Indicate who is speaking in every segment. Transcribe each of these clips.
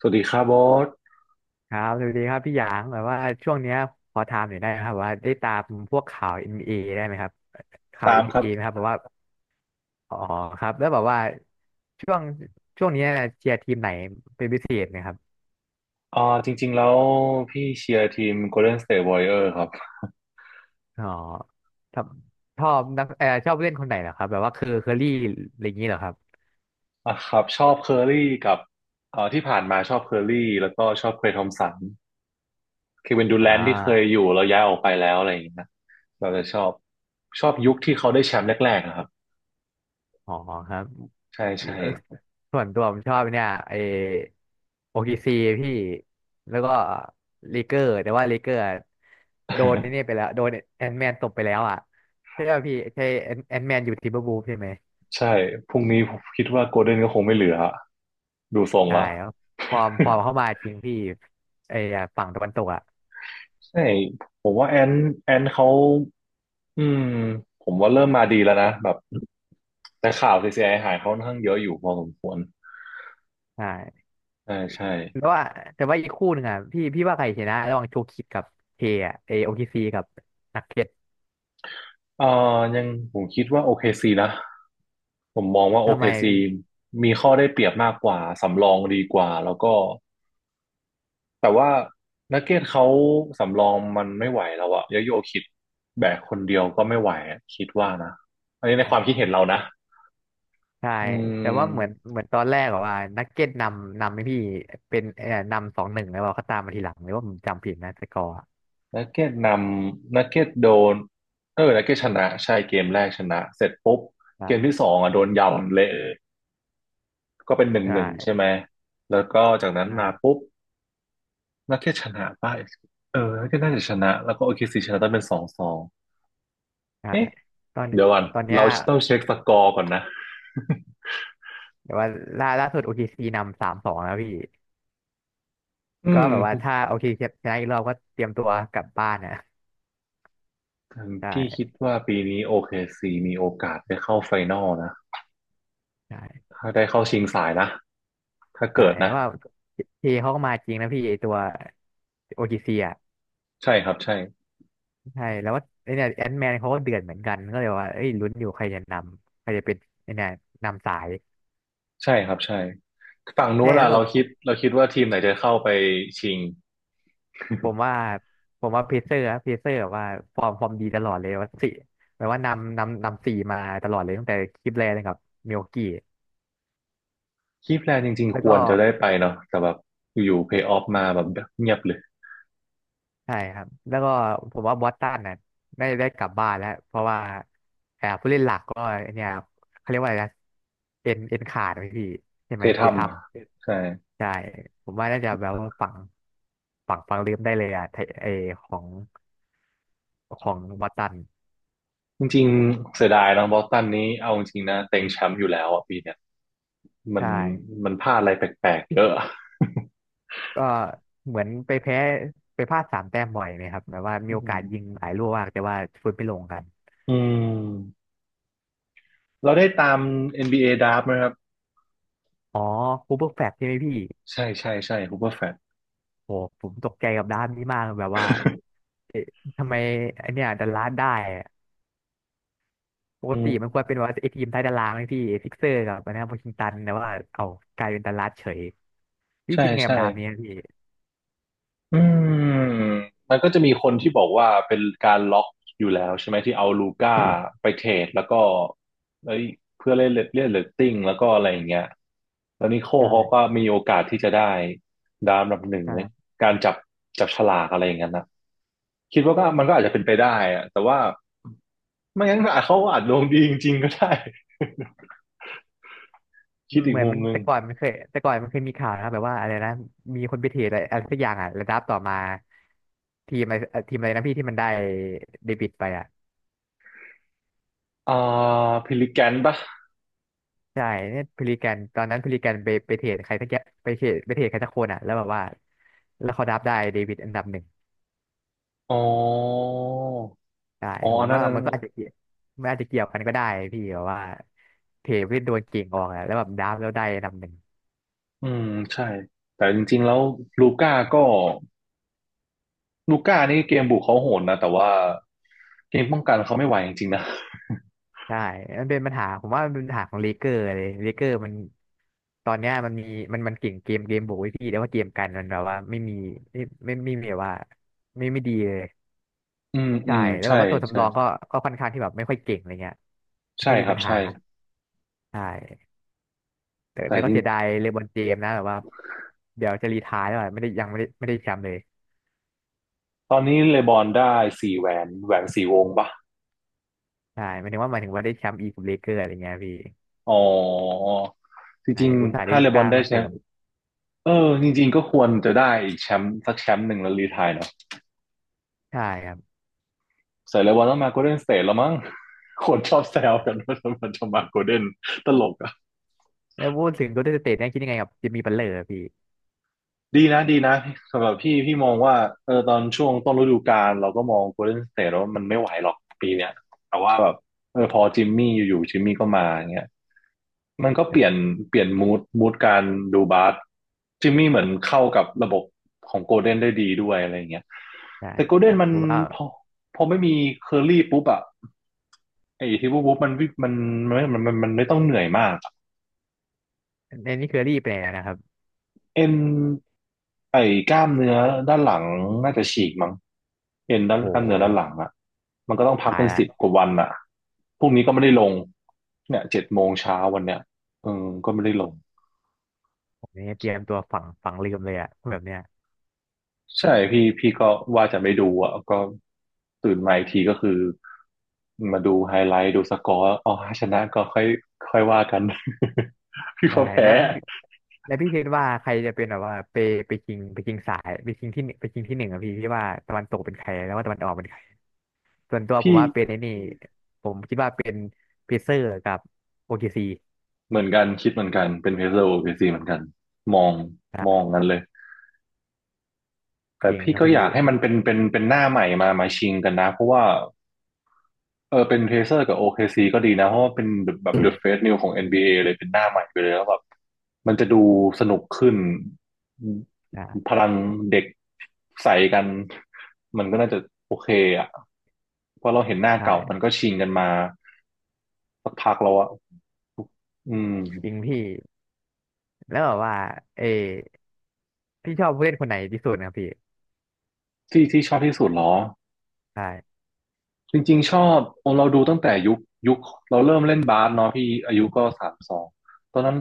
Speaker 1: สวัสดีครับโบอส
Speaker 2: ครับสวัสดีครับพี่หยางแบบว่าช่วงเนี้ยขอถามหน่อยได้ไหมครับว่าได้ตามพวกข่าว NBA ได้ไหมครับข่าว
Speaker 1: ตาม
Speaker 2: n
Speaker 1: ค
Speaker 2: b อ
Speaker 1: รับ
Speaker 2: ไหมครับแบบว่าอ๋อครับแล้วแบบว่าช่วงช่วงเนี้ยเชียร์ทีมไหนเป็นพิเศษไหมครับ
Speaker 1: อ่าจริงๆแล้วพี่เชียร์ทีม Golden State Warrior ครับ
Speaker 2: อ๋อชอบชอบนักชอบผู้เล่นคนไหนเหรอครับแบบว่าคือเคอรี่อะไรอย่างนี้เหรอครับ
Speaker 1: ครับชอบเคอร์รี่กับที่ผ่านมาชอบเคอร์รี่แล้วก็ชอบเคลย์ทอมสันเควินดู
Speaker 2: อ่
Speaker 1: แรนท์ที่เคยอ
Speaker 2: า
Speaker 1: ยู่แล้วย้ายออกไปแล้วอะไรอย่างเงี้ยเราจะชอบชอบยุคที่เขาได้แชมป์แรกๆอะครับ
Speaker 2: อ๋อครับ
Speaker 1: ใช่
Speaker 2: เอ่อ
Speaker 1: ใช่
Speaker 2: ส่วนตัวผมชอบเนี่ยไอโอเคซีพี่แล้วก็ลีเกอร์แต่ว่าลีเกอร์อะโดนนี่ไป แล้วโดนแอนแมนตบไปแล้วอ่ะใช่ป่ะพี่ใช่แอนแมนอยู่ทิมเบอร์วูฟใช่ไหม
Speaker 1: ใช่พรุ่งนี้ผมคิดว่าโกลเด้นก็คงไม่เหลือดูทรง
Speaker 2: ใช่
Speaker 1: ละ
Speaker 2: ครับฟอร์มเข้ามาจริงพี่ไออะฝั่งตะวันตกอ่ะ
Speaker 1: ใช่ผมว่าแอนเขาอืมผมว่าเริ่มมาดีแล้วนะแบบ แต่ข่าว CCI หายค่อนข้างเยอะอยู่พอสมควร
Speaker 2: ใช่
Speaker 1: ใช่ใช่
Speaker 2: แล้วว่าแต่ว่าอีกคู่หนึ่งอ่ะพี่ว่าใครชนะระหว่างโชคิดกับเคอะไอโอเคซีกับนักเก็ต
Speaker 1: เอ่ยังผมคิดว่า OKC นะ ผมมองว่า
Speaker 2: ทำไม
Speaker 1: OKC
Speaker 2: พี่
Speaker 1: มีข้อได้เปรียบมากกว่า สำรองดีกว่า แล้วก็ แต่ว่านักเก็ตเขาสำรองมันไม่ไหวแล้วอะยาโยคิดแบกคนเดียวก็ไม่ไหวอะคิดว่านะ อันนี้ในความคิดเห็นเรานะ
Speaker 2: ใช่
Speaker 1: อื
Speaker 2: แต่ว่าเหมือน
Speaker 1: ม
Speaker 2: เหมือนตอนแรกอะว่านักเก็ตนำให้พี่เป็นนำสองหนึ่งแล้วเขาตามมาทีหลังหรือว่าผมจำผิดนะสกอร์อะ
Speaker 1: นักเก็ตนนักเก็ตโดนเออนักเก็ตชนะ ใช่เกมแรกชนะเสร็จปุ๊บ
Speaker 2: ใช่
Speaker 1: เกมที่สองอ่ะโดนยาวเละ ก็เป็นหนึ่
Speaker 2: ใ
Speaker 1: งหนึ่งใช่
Speaker 2: ช่
Speaker 1: ไหม แล้วก็จากนั้นมา
Speaker 2: ใช่า
Speaker 1: ปุ๊บนักเก็ตชนะป่ะ เออนักเก็ตน่าจะชนะแล้วก็โอเคซีชนะต้องเป็นสองสอง
Speaker 2: ใช่
Speaker 1: เอ๊ะ
Speaker 2: ตอน
Speaker 1: เดี๋ยวก่อน
Speaker 2: ตอนเนี้ย
Speaker 1: เราต้องเช็คสกอร์ก่อนนะ
Speaker 2: แต่ว่าล่าสุด o ซ c นำสามสองแล้วพี่
Speaker 1: อื
Speaker 2: ก็
Speaker 1: ม
Speaker 2: แบบว่าถ้า OKC ชนะอีกรอบก็เตรียมตัวกลับบ้านนะใช
Speaker 1: พี่คิด
Speaker 2: ่
Speaker 1: ว่าปีนี้โอเคซีมีโอกาสได้เข้าไฟนอลนะ
Speaker 2: ใช่
Speaker 1: ถ้าได้เข้าชิงสายนะ ถ้า
Speaker 2: ใช่
Speaker 1: เกิด
Speaker 2: แต่
Speaker 1: นะ
Speaker 2: ว่าเทเขาก็มาจริงนะพี่ไอตัว o ซ c อ่ะ
Speaker 1: ใช่ครับใช่
Speaker 2: ใช่แล้วว่าไอเนี่ยแอนแมนเขาก็เดือดเหมือนกันก็เลยว่าเอ้ยลุ้นอยู่ใครจะนำใครจะเป็นไอเนี่ยนำสาย
Speaker 1: ใช่ครับใช่ฝั่งนู้
Speaker 2: ใช่
Speaker 1: น
Speaker 2: แล้
Speaker 1: อ่ะ
Speaker 2: วแบบ
Speaker 1: เราคิดว่าทีมไหนจะเข้าไปชิง
Speaker 2: ผมว่าผมว่าเพเซอร์แบบว่าฟอร์มดีตลอดเลยว่าสี่แปลว่านำสี่มาตลอดเลยตั้งแต่คลิปแรกเลยรับมิวกี้
Speaker 1: คีแพลนจริง
Speaker 2: แล้
Speaker 1: ๆ
Speaker 2: ว
Speaker 1: ค
Speaker 2: ก็
Speaker 1: วรจะได้ไปเนาะแต่แบบอยู่เพลย์ออฟมาแบบเงียบเลย
Speaker 2: ใช่ครับแล้วก็ผมว่าบอสตันน่ะได้กลับบ้านแล้วเพราะว่าอ่ผู้เล่นหลักก็เนี่ยเขาเรียกว่าอะไรนะเอ็นขาดไหมพี่ใช่
Speaker 1: เค
Speaker 2: ไหม
Speaker 1: ยท
Speaker 2: ทีททำ
Speaker 1: ำใช่
Speaker 2: ใช่ผมว่าน่าจะแบบว่าฝังลืมได้เลยอ่ะไทไอของของบอสตัน
Speaker 1: จริงๆเสียดายน้องบอสตันนี้เอาจริงๆนะเต็งแชมป์อยู่แล้วอะปีเนี้ยมัน
Speaker 2: ใช่
Speaker 1: มันพลาดอะไรแปลกๆเยอะอะ
Speaker 2: ก็เหมือนไปแพ้ไปพลาดสามแต้มบ่อยไหมครับแบบว่า
Speaker 1: อื
Speaker 2: มีโอกาสยิง
Speaker 1: ม
Speaker 2: หลายลูกมากแต่ว่าฟุตไม่ลงกัน
Speaker 1: อืมเราได้ตาม NBA ดราฟต์ไหมครับ
Speaker 2: อ๋อคูเปอร์แฟลชใช่ไหมพี่
Speaker 1: ใช่ใช่ใช่ฮูเปอร์ แฟลต
Speaker 2: โหผมตกใจกับด้านนี้มากแบบว่าเอ๊ะทำไมไอเนี่ยดัลลาสได้อะปก
Speaker 1: อื
Speaker 2: ติ
Speaker 1: ม
Speaker 2: มันควรเป็นว่าไอทีมใตยตารางไอพี่ซิกเซอร์กับอันนะวอชิงตันแต่ว่าเอากลายเป็นดัลลาสเฉยพี่
Speaker 1: ใช่
Speaker 2: คิดยังไงกั
Speaker 1: ใช่
Speaker 2: บดาบนี้อะพี่
Speaker 1: อืมมันก็จะมีคนที่บอกว่าเป็นการล็อกอยู่แล้วใช่ไหมที่เอาลูก้าไป เทรดแล้วก็เอ้ยเพื่อเล่นเล่นเรตติ้งแล้วก็อะไรอย่างเงี้ยแล้วนิโคลเขา
Speaker 2: ใช่
Speaker 1: ก็มีโอกาสที่จะได้ดาวอันดับหนึ่งใน
Speaker 2: ใช่
Speaker 1: การจับจับฉลากอะไรอย่างเงี้ยนะคิดว่าก็มันก็อาจจะเป็นไปได้อะแต่ว่าไม่งั้นอาจเขาอาจดวงดีจริงๆก็ได้ คิดอี
Speaker 2: เห
Speaker 1: ก
Speaker 2: มือน
Speaker 1: มุม
Speaker 2: มัน
Speaker 1: หนึ่ง
Speaker 2: แต่ก่อนมันเคยแต่ก่อนมันเคยมีข่าวนะครับแบบว่าอะไรนะมีคนไปเทรดอะไรอะไรสักอย่างอ่ะแล้วดับต่อมาทีมอะไรทีมอะไรนะพี่ที่มันได้เดบิตไปอ่ะ
Speaker 1: อ่าพิลิแกนปะ
Speaker 2: ใช่เนี่ยพลิแกนตอนนั้นพลิแกนไปเทรดใครสักอย่างไปเทรดใครสักคนอ่ะแล้วแบบว่าแล้วเขาดับได้เดบิตอันดับหนึ่ง
Speaker 1: อ๋อ
Speaker 2: ใช่ผมว่า
Speaker 1: อัน
Speaker 2: มั
Speaker 1: นั้
Speaker 2: น
Speaker 1: น
Speaker 2: ก็อาจจะเกี่ยวมันอาจจะเกี่ยวกันก็ได้พี่แบบว่าเทรดไปโดนเก่งออกอ่ะแล้วแบบดับแล้วได้อันดับหนึ่ง
Speaker 1: อืมใช่แต่จริงๆแล้วลูก้าก็ลูก้านี่เกมบุกเขาโหดนะแต่ว่าเกมป้องกันเขาไม่ไหวจริงๆนะ
Speaker 2: ใช่มันเป็นปัญหาผมว่ามันเป็นปัญหาของเลเกอร์มันตอนเนี้ยมันมีมันเก่งเกมบุกไว้พี่แต่ว่าเกมกันมันแบบว่าไม่มีไม่ไม่มีแบบว่าไม่ดีเลย
Speaker 1: อืมอื
Speaker 2: ใช่
Speaker 1: ม
Speaker 2: แล้วแบ
Speaker 1: ใช่
Speaker 2: บว่าตัว
Speaker 1: ใช่
Speaker 2: สำรองก็ก็ค่อนข้างที่แบบไม่ค่อยเก่งอะไรเงี้ย
Speaker 1: ใช่
Speaker 2: ไม่มี
Speaker 1: ครั
Speaker 2: ปั
Speaker 1: บ
Speaker 2: ญหา
Speaker 1: ใช่
Speaker 2: ใช่แต่
Speaker 1: แต่
Speaker 2: แต่
Speaker 1: จ
Speaker 2: ก็
Speaker 1: ริง
Speaker 2: เสียดายเลบรอนเจมส์นะแบบว่าเดี๋ยวจะรีไทร์แล้วอะไม่ได้ยังไม่ได้แชมป์เลย
Speaker 1: ตอนนี้เลบอนได้สี่แหวนแหวนสี่วงปะ
Speaker 2: ใช่หมายถึงว่าได้แชมป์อีกกับเลเกอร์อะไรเงี้ยพี่
Speaker 1: อ๋อจ
Speaker 2: ใช่
Speaker 1: ริง
Speaker 2: อุตส่าห์
Speaker 1: ๆ
Speaker 2: ได้
Speaker 1: ถ้า
Speaker 2: ลู
Speaker 1: เลบอ
Speaker 2: ก้า
Speaker 1: นได้
Speaker 2: มา
Speaker 1: แช
Speaker 2: เสริ
Speaker 1: มป์
Speaker 2: ม
Speaker 1: เออจริงๆก็ควรจะได้อีกแชมป์สักแชมป์หนึ่งแล้วรีไทร์เนาะ
Speaker 2: ใช่ครับ
Speaker 1: ใส่เลบอนต้องมาโกลเด้นสเตทแล้วมั้งคนชอบแซวกันว่าทำไมจะมาโกลเด้นตลกอะ
Speaker 2: แล้วพูดถึงโกลเด้นสเตทเนี่ยคิดยังไงกับจิมมี่บัตเลอร์พี่
Speaker 1: ดีนะดีนะสำหรับพี่มองว่าเออตอนช่วงต้นฤดูกาลเราก็มอง Golden State แล้ววามันไม่ไหวหรอกปีเนี้ยแต่ว่าแบบเออพอจิมมี่ก็มาอย่างเงี้ยมันก็เปลี่ยนมูดการดูบาสจิมมี่เหมือนเข้ากับระบบของโกลเด้นได้ดีด้วยอะไรอย่างเงี้ย
Speaker 2: ใช่
Speaker 1: แต่โกลเด้
Speaker 2: ผ
Speaker 1: น
Speaker 2: ม
Speaker 1: มัน
Speaker 2: ผมว่า
Speaker 1: พอพอไม่มีเคอร์ี่ปุ๊บอะไอ้ที่ปุ๊บมันวิ่งมันไม่ต้องเหนื่อยมาก
Speaker 2: ในนี่เคอรี่ไปแล้วนะครับ
Speaker 1: เอ็นไอ้กล้ามเนื้อด้านหลังน่าจะฉีกมั้งเอ็นด้าน
Speaker 2: โอ้
Speaker 1: กล้ามเนื้อ
Speaker 2: โห
Speaker 1: ด้านหลังอ่ะมันก็ต้องพัก
Speaker 2: ตาย
Speaker 1: เป็น
Speaker 2: ละ
Speaker 1: สิบกว่าวันอ่ะพรุ่งนี้ก็ไม่ได้ลงเนี่ยเจ็ดโมงเช้าวันเนี้ยเออก็ไม่ได้ลง
Speaker 2: ผมนี่เตรียมตัวฝังลืมเลยอะแบบเนี้ย
Speaker 1: ใช่พี่ก็ว่าจะไม่ดูอ่ะก็ตื่นมาอีกทีก็คือมาดูไฮไลท์ดูสกอร์อ๋อชนะก็ค่อยค่อยว่ากัน พี่
Speaker 2: ใช่
Speaker 1: ก็แพ้
Speaker 2: แล้วแล้วพี่คิดว่าใครจะเป็นแบบว่าไปไปชิงไปชิงสายไปกิงที่หนึ่งไปชิงที่หนึ่งอะพี่พี่ว่าตะวันตกเป็นใครแล้วว่าตะวันออกเป็นใครส่วนตัวผม
Speaker 1: พี่
Speaker 2: ว่าเป็นไอ้นี่ผมคิดว่าเป็นเพเซอร์กับโอเคซี
Speaker 1: เหมือนกันคิดเหมือนกันเป็นเพเซอร์โอเปซีเหมือนกันมอง
Speaker 2: อ่า
Speaker 1: กันเลย แต่
Speaker 2: จริง
Speaker 1: พี่
Speaker 2: ครับ
Speaker 1: ก็
Speaker 2: พี่
Speaker 1: อยากให้มันเป็นหน้าใหม่มาชิงกันนะเพราะว่าเออเป็นเ a เซอร์กับ OKC ก็ดีนะเพราะว่าเป็นแบบเดอะเฟสนิวของ NBA เลยเป็นหน้าใหม่ไปเลยแล้วแบบมันจะดูสนุกขึ้นพ
Speaker 2: อ่า
Speaker 1: ลังเด็กใส่กันมันก็น่าจะโอเคอ่ะเพราะเราเห็นหน้าเก่ามัน
Speaker 2: ใช่
Speaker 1: ก็ชิงกันมาสักพักแล้วอ่ะอืม
Speaker 2: จริงพี่แล้วแบบว่าเออพี่ชอบผู้เล่นคนไหนที่สุดนะครับพี่
Speaker 1: ที่ที่ชอบที่สุดเหรอ
Speaker 2: ใช่
Speaker 1: จริงๆชอบโอเราดูตั้งแต่ยุคเราเริ่มเล่นบาสเนาะพี่อายุก็สามสองตอนนั้น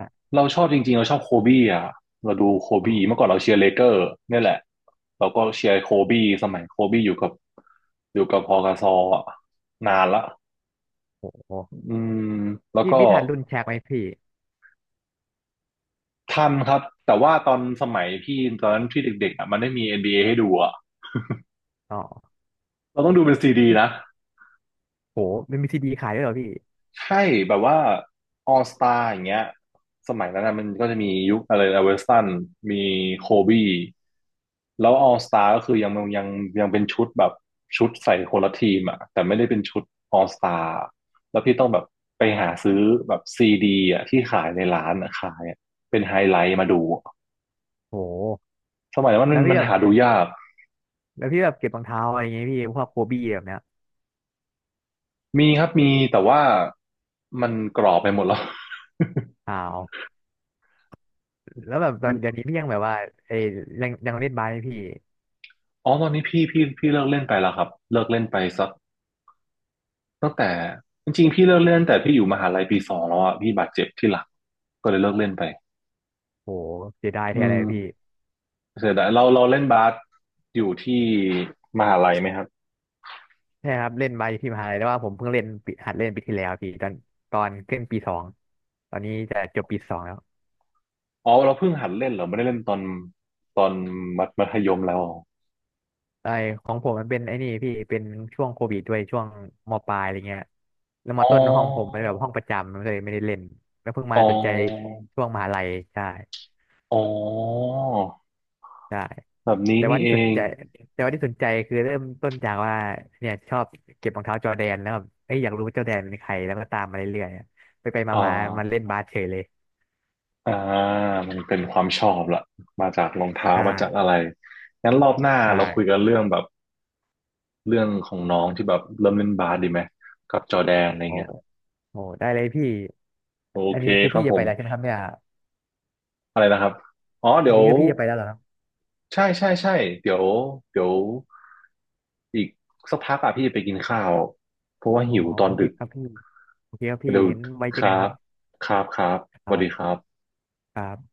Speaker 2: อ่ะ
Speaker 1: เราชอบโคบี้อ่ะเราดูโค
Speaker 2: อ๋อ
Speaker 1: บี้เมื่อก่อนเราเชียร์เลเกอร์เนี่ยแหละเราก็เชียร์โคบี้สมัยโคบี้อยู่กับพอกาซออะนานละ
Speaker 2: โอ้โห
Speaker 1: อืมแล้ว
Speaker 2: พี่
Speaker 1: ก็
Speaker 2: พี่ทันรุ่นแชกไหมพี่
Speaker 1: ทันครับแต่ว่าตอนสมัยพี่ตอนนั้นที่เด็กๆอ่ะมันไม่มี NBA ให้ดูอ่ะ
Speaker 2: อ๋อ
Speaker 1: เราต้องดูเป็นซีดีนะ
Speaker 2: โหมันมีซีดีขายด้วยเหรอพี่
Speaker 1: ใช่แบบว่าออสตาอย่างเงี้ยสมัยนั้นนะมันก็จะมียุคอะไรนะเวสตันมีโคบี้แล้วออสตาก็คือยังยังเป็นชุดแบบชุดใส่คนละทีมอ่ะแต่ไม่ได้เป็นชุดออสตาแล้วพี่ต้องแบบไปหาซื้อแบบซีดีอ่ะที่ขายในร้านอะขายอะเป็นไฮไลท์มาดู
Speaker 2: โห
Speaker 1: สมัยนั้น
Speaker 2: แล้วพี่
Speaker 1: มัน
Speaker 2: แบ
Speaker 1: หา
Speaker 2: บ
Speaker 1: ดูยาก
Speaker 2: แล้วพี่แบบเก็บรองเท้าอะไรอย่างเงี้ยพี่พวกโคบี้แบบเนี้ย
Speaker 1: มีครับมีแต่ว่ามันกรอบไปหมดแล้ว
Speaker 2: อ้าวแล้วแบบตอนเดี๋ยวนี้ พี่ยังแบบว่าเอ้ยยังเล่นบาสไหมพี่
Speaker 1: อ๋อตอนนี้พี่เลิกเล่นไปแล้วครับเลิกเล่นไปสัก ตั้งแต่จริงๆพี่เลิกเล่นแต่พี่อยู่มหาลัยปีสองแล้วอ่ะพี่บาดเจ็บที่หลังก็เลยเลิกเล่นไป
Speaker 2: โหเสียดาย
Speaker 1: อื
Speaker 2: แทนเล
Speaker 1: ม
Speaker 2: ยพี่
Speaker 1: เสียดายเราเล่นบาสอยู่ที่มหาลัยไหมครับ
Speaker 2: ใช่ครับเล่นบาสอยู่ที่มหาลัยแต่ว่าผมเพิ่งเล่นปีหัดเล่นปีที่แล้วพี่ตอนขึ้นปีสองตอนนี้จะจบปีสองแล้ว
Speaker 1: อ๋อเราเพิ่งหัดเล่นเหรอไม่ได้เล่นตอนมัธยมแล้ว
Speaker 2: ไอของผมมันเป็นไอ้นี่พี่เป็นช่วงโควิดด้วยช่วงมปลายอะไรเงี้ยแล้วม
Speaker 1: อ๋อ
Speaker 2: ต้นห้องผมเป็นแบบห้องประจำมันเลยไม่ได้เล่นแล้วเพิ่งมา
Speaker 1: อ๋อ
Speaker 2: สนใจช่วงมหาลัยใช่
Speaker 1: อ๋อ
Speaker 2: ใช่
Speaker 1: แบบนี้
Speaker 2: แต่
Speaker 1: นี่
Speaker 2: ว่าที่
Speaker 1: เอ
Speaker 2: สน
Speaker 1: ง
Speaker 2: ใจแต่ว่าที่สนใจคือเริ่มต้นจากว่าเนี่ยชอบเก็บรองเท้าจอร์แดนแล้วแบบเอ้ยอยากรู้ว่าจอร์แดนเป็นใครแล้วก็ตามมาเรื่อยๆไปไป
Speaker 1: อ่
Speaker 2: มามามันเล่
Speaker 1: า
Speaker 2: นบาสเฉยเลย
Speaker 1: อ่ามันเป็นความชอบละมาจากรองเท้า
Speaker 2: ใ
Speaker 1: มาจาก
Speaker 2: ช่
Speaker 1: อะไรงั้นรอบหน้า
Speaker 2: ใช่
Speaker 1: เราคุยกันเรื่องแบบ เรื่องของน้องที่แบบเริ่มเล่นบาสดีไหมกับจอร์แดนอะไร
Speaker 2: โอ้
Speaker 1: เงี้ย
Speaker 2: โหได้เลยพี่
Speaker 1: โอ
Speaker 2: อัน
Speaker 1: เค
Speaker 2: นี้คือ
Speaker 1: ครั
Speaker 2: พี่
Speaker 1: บผ
Speaker 2: จะไป
Speaker 1: ม
Speaker 2: แล้วใช่ไหมครับเนี่ย
Speaker 1: อะไรนะครับอ๋อ
Speaker 2: อั
Speaker 1: เดี๋
Speaker 2: น
Speaker 1: ยว
Speaker 2: นี้คือพี่จะไปแล้วเหรอ
Speaker 1: ใช่ใช่ใช่เดี๋ยวเดี๋ยวอีกสักพักอ่ะพี่จะไปกินข้าวเพราะว่า
Speaker 2: อ๋อ
Speaker 1: หิวตอ
Speaker 2: โอ
Speaker 1: น
Speaker 2: เค
Speaker 1: ดึก
Speaker 2: ครับพี่โอเคครับพี่
Speaker 1: เดี๋ยว
Speaker 2: งั้นไว้เจ
Speaker 1: ค
Speaker 2: อกัน
Speaker 1: รั
Speaker 2: ค
Speaker 1: บ
Speaker 2: รับ
Speaker 1: ครับ
Speaker 2: ค
Speaker 1: สวัส
Speaker 2: รั
Speaker 1: ดีค
Speaker 2: บ
Speaker 1: รับ
Speaker 2: ครับ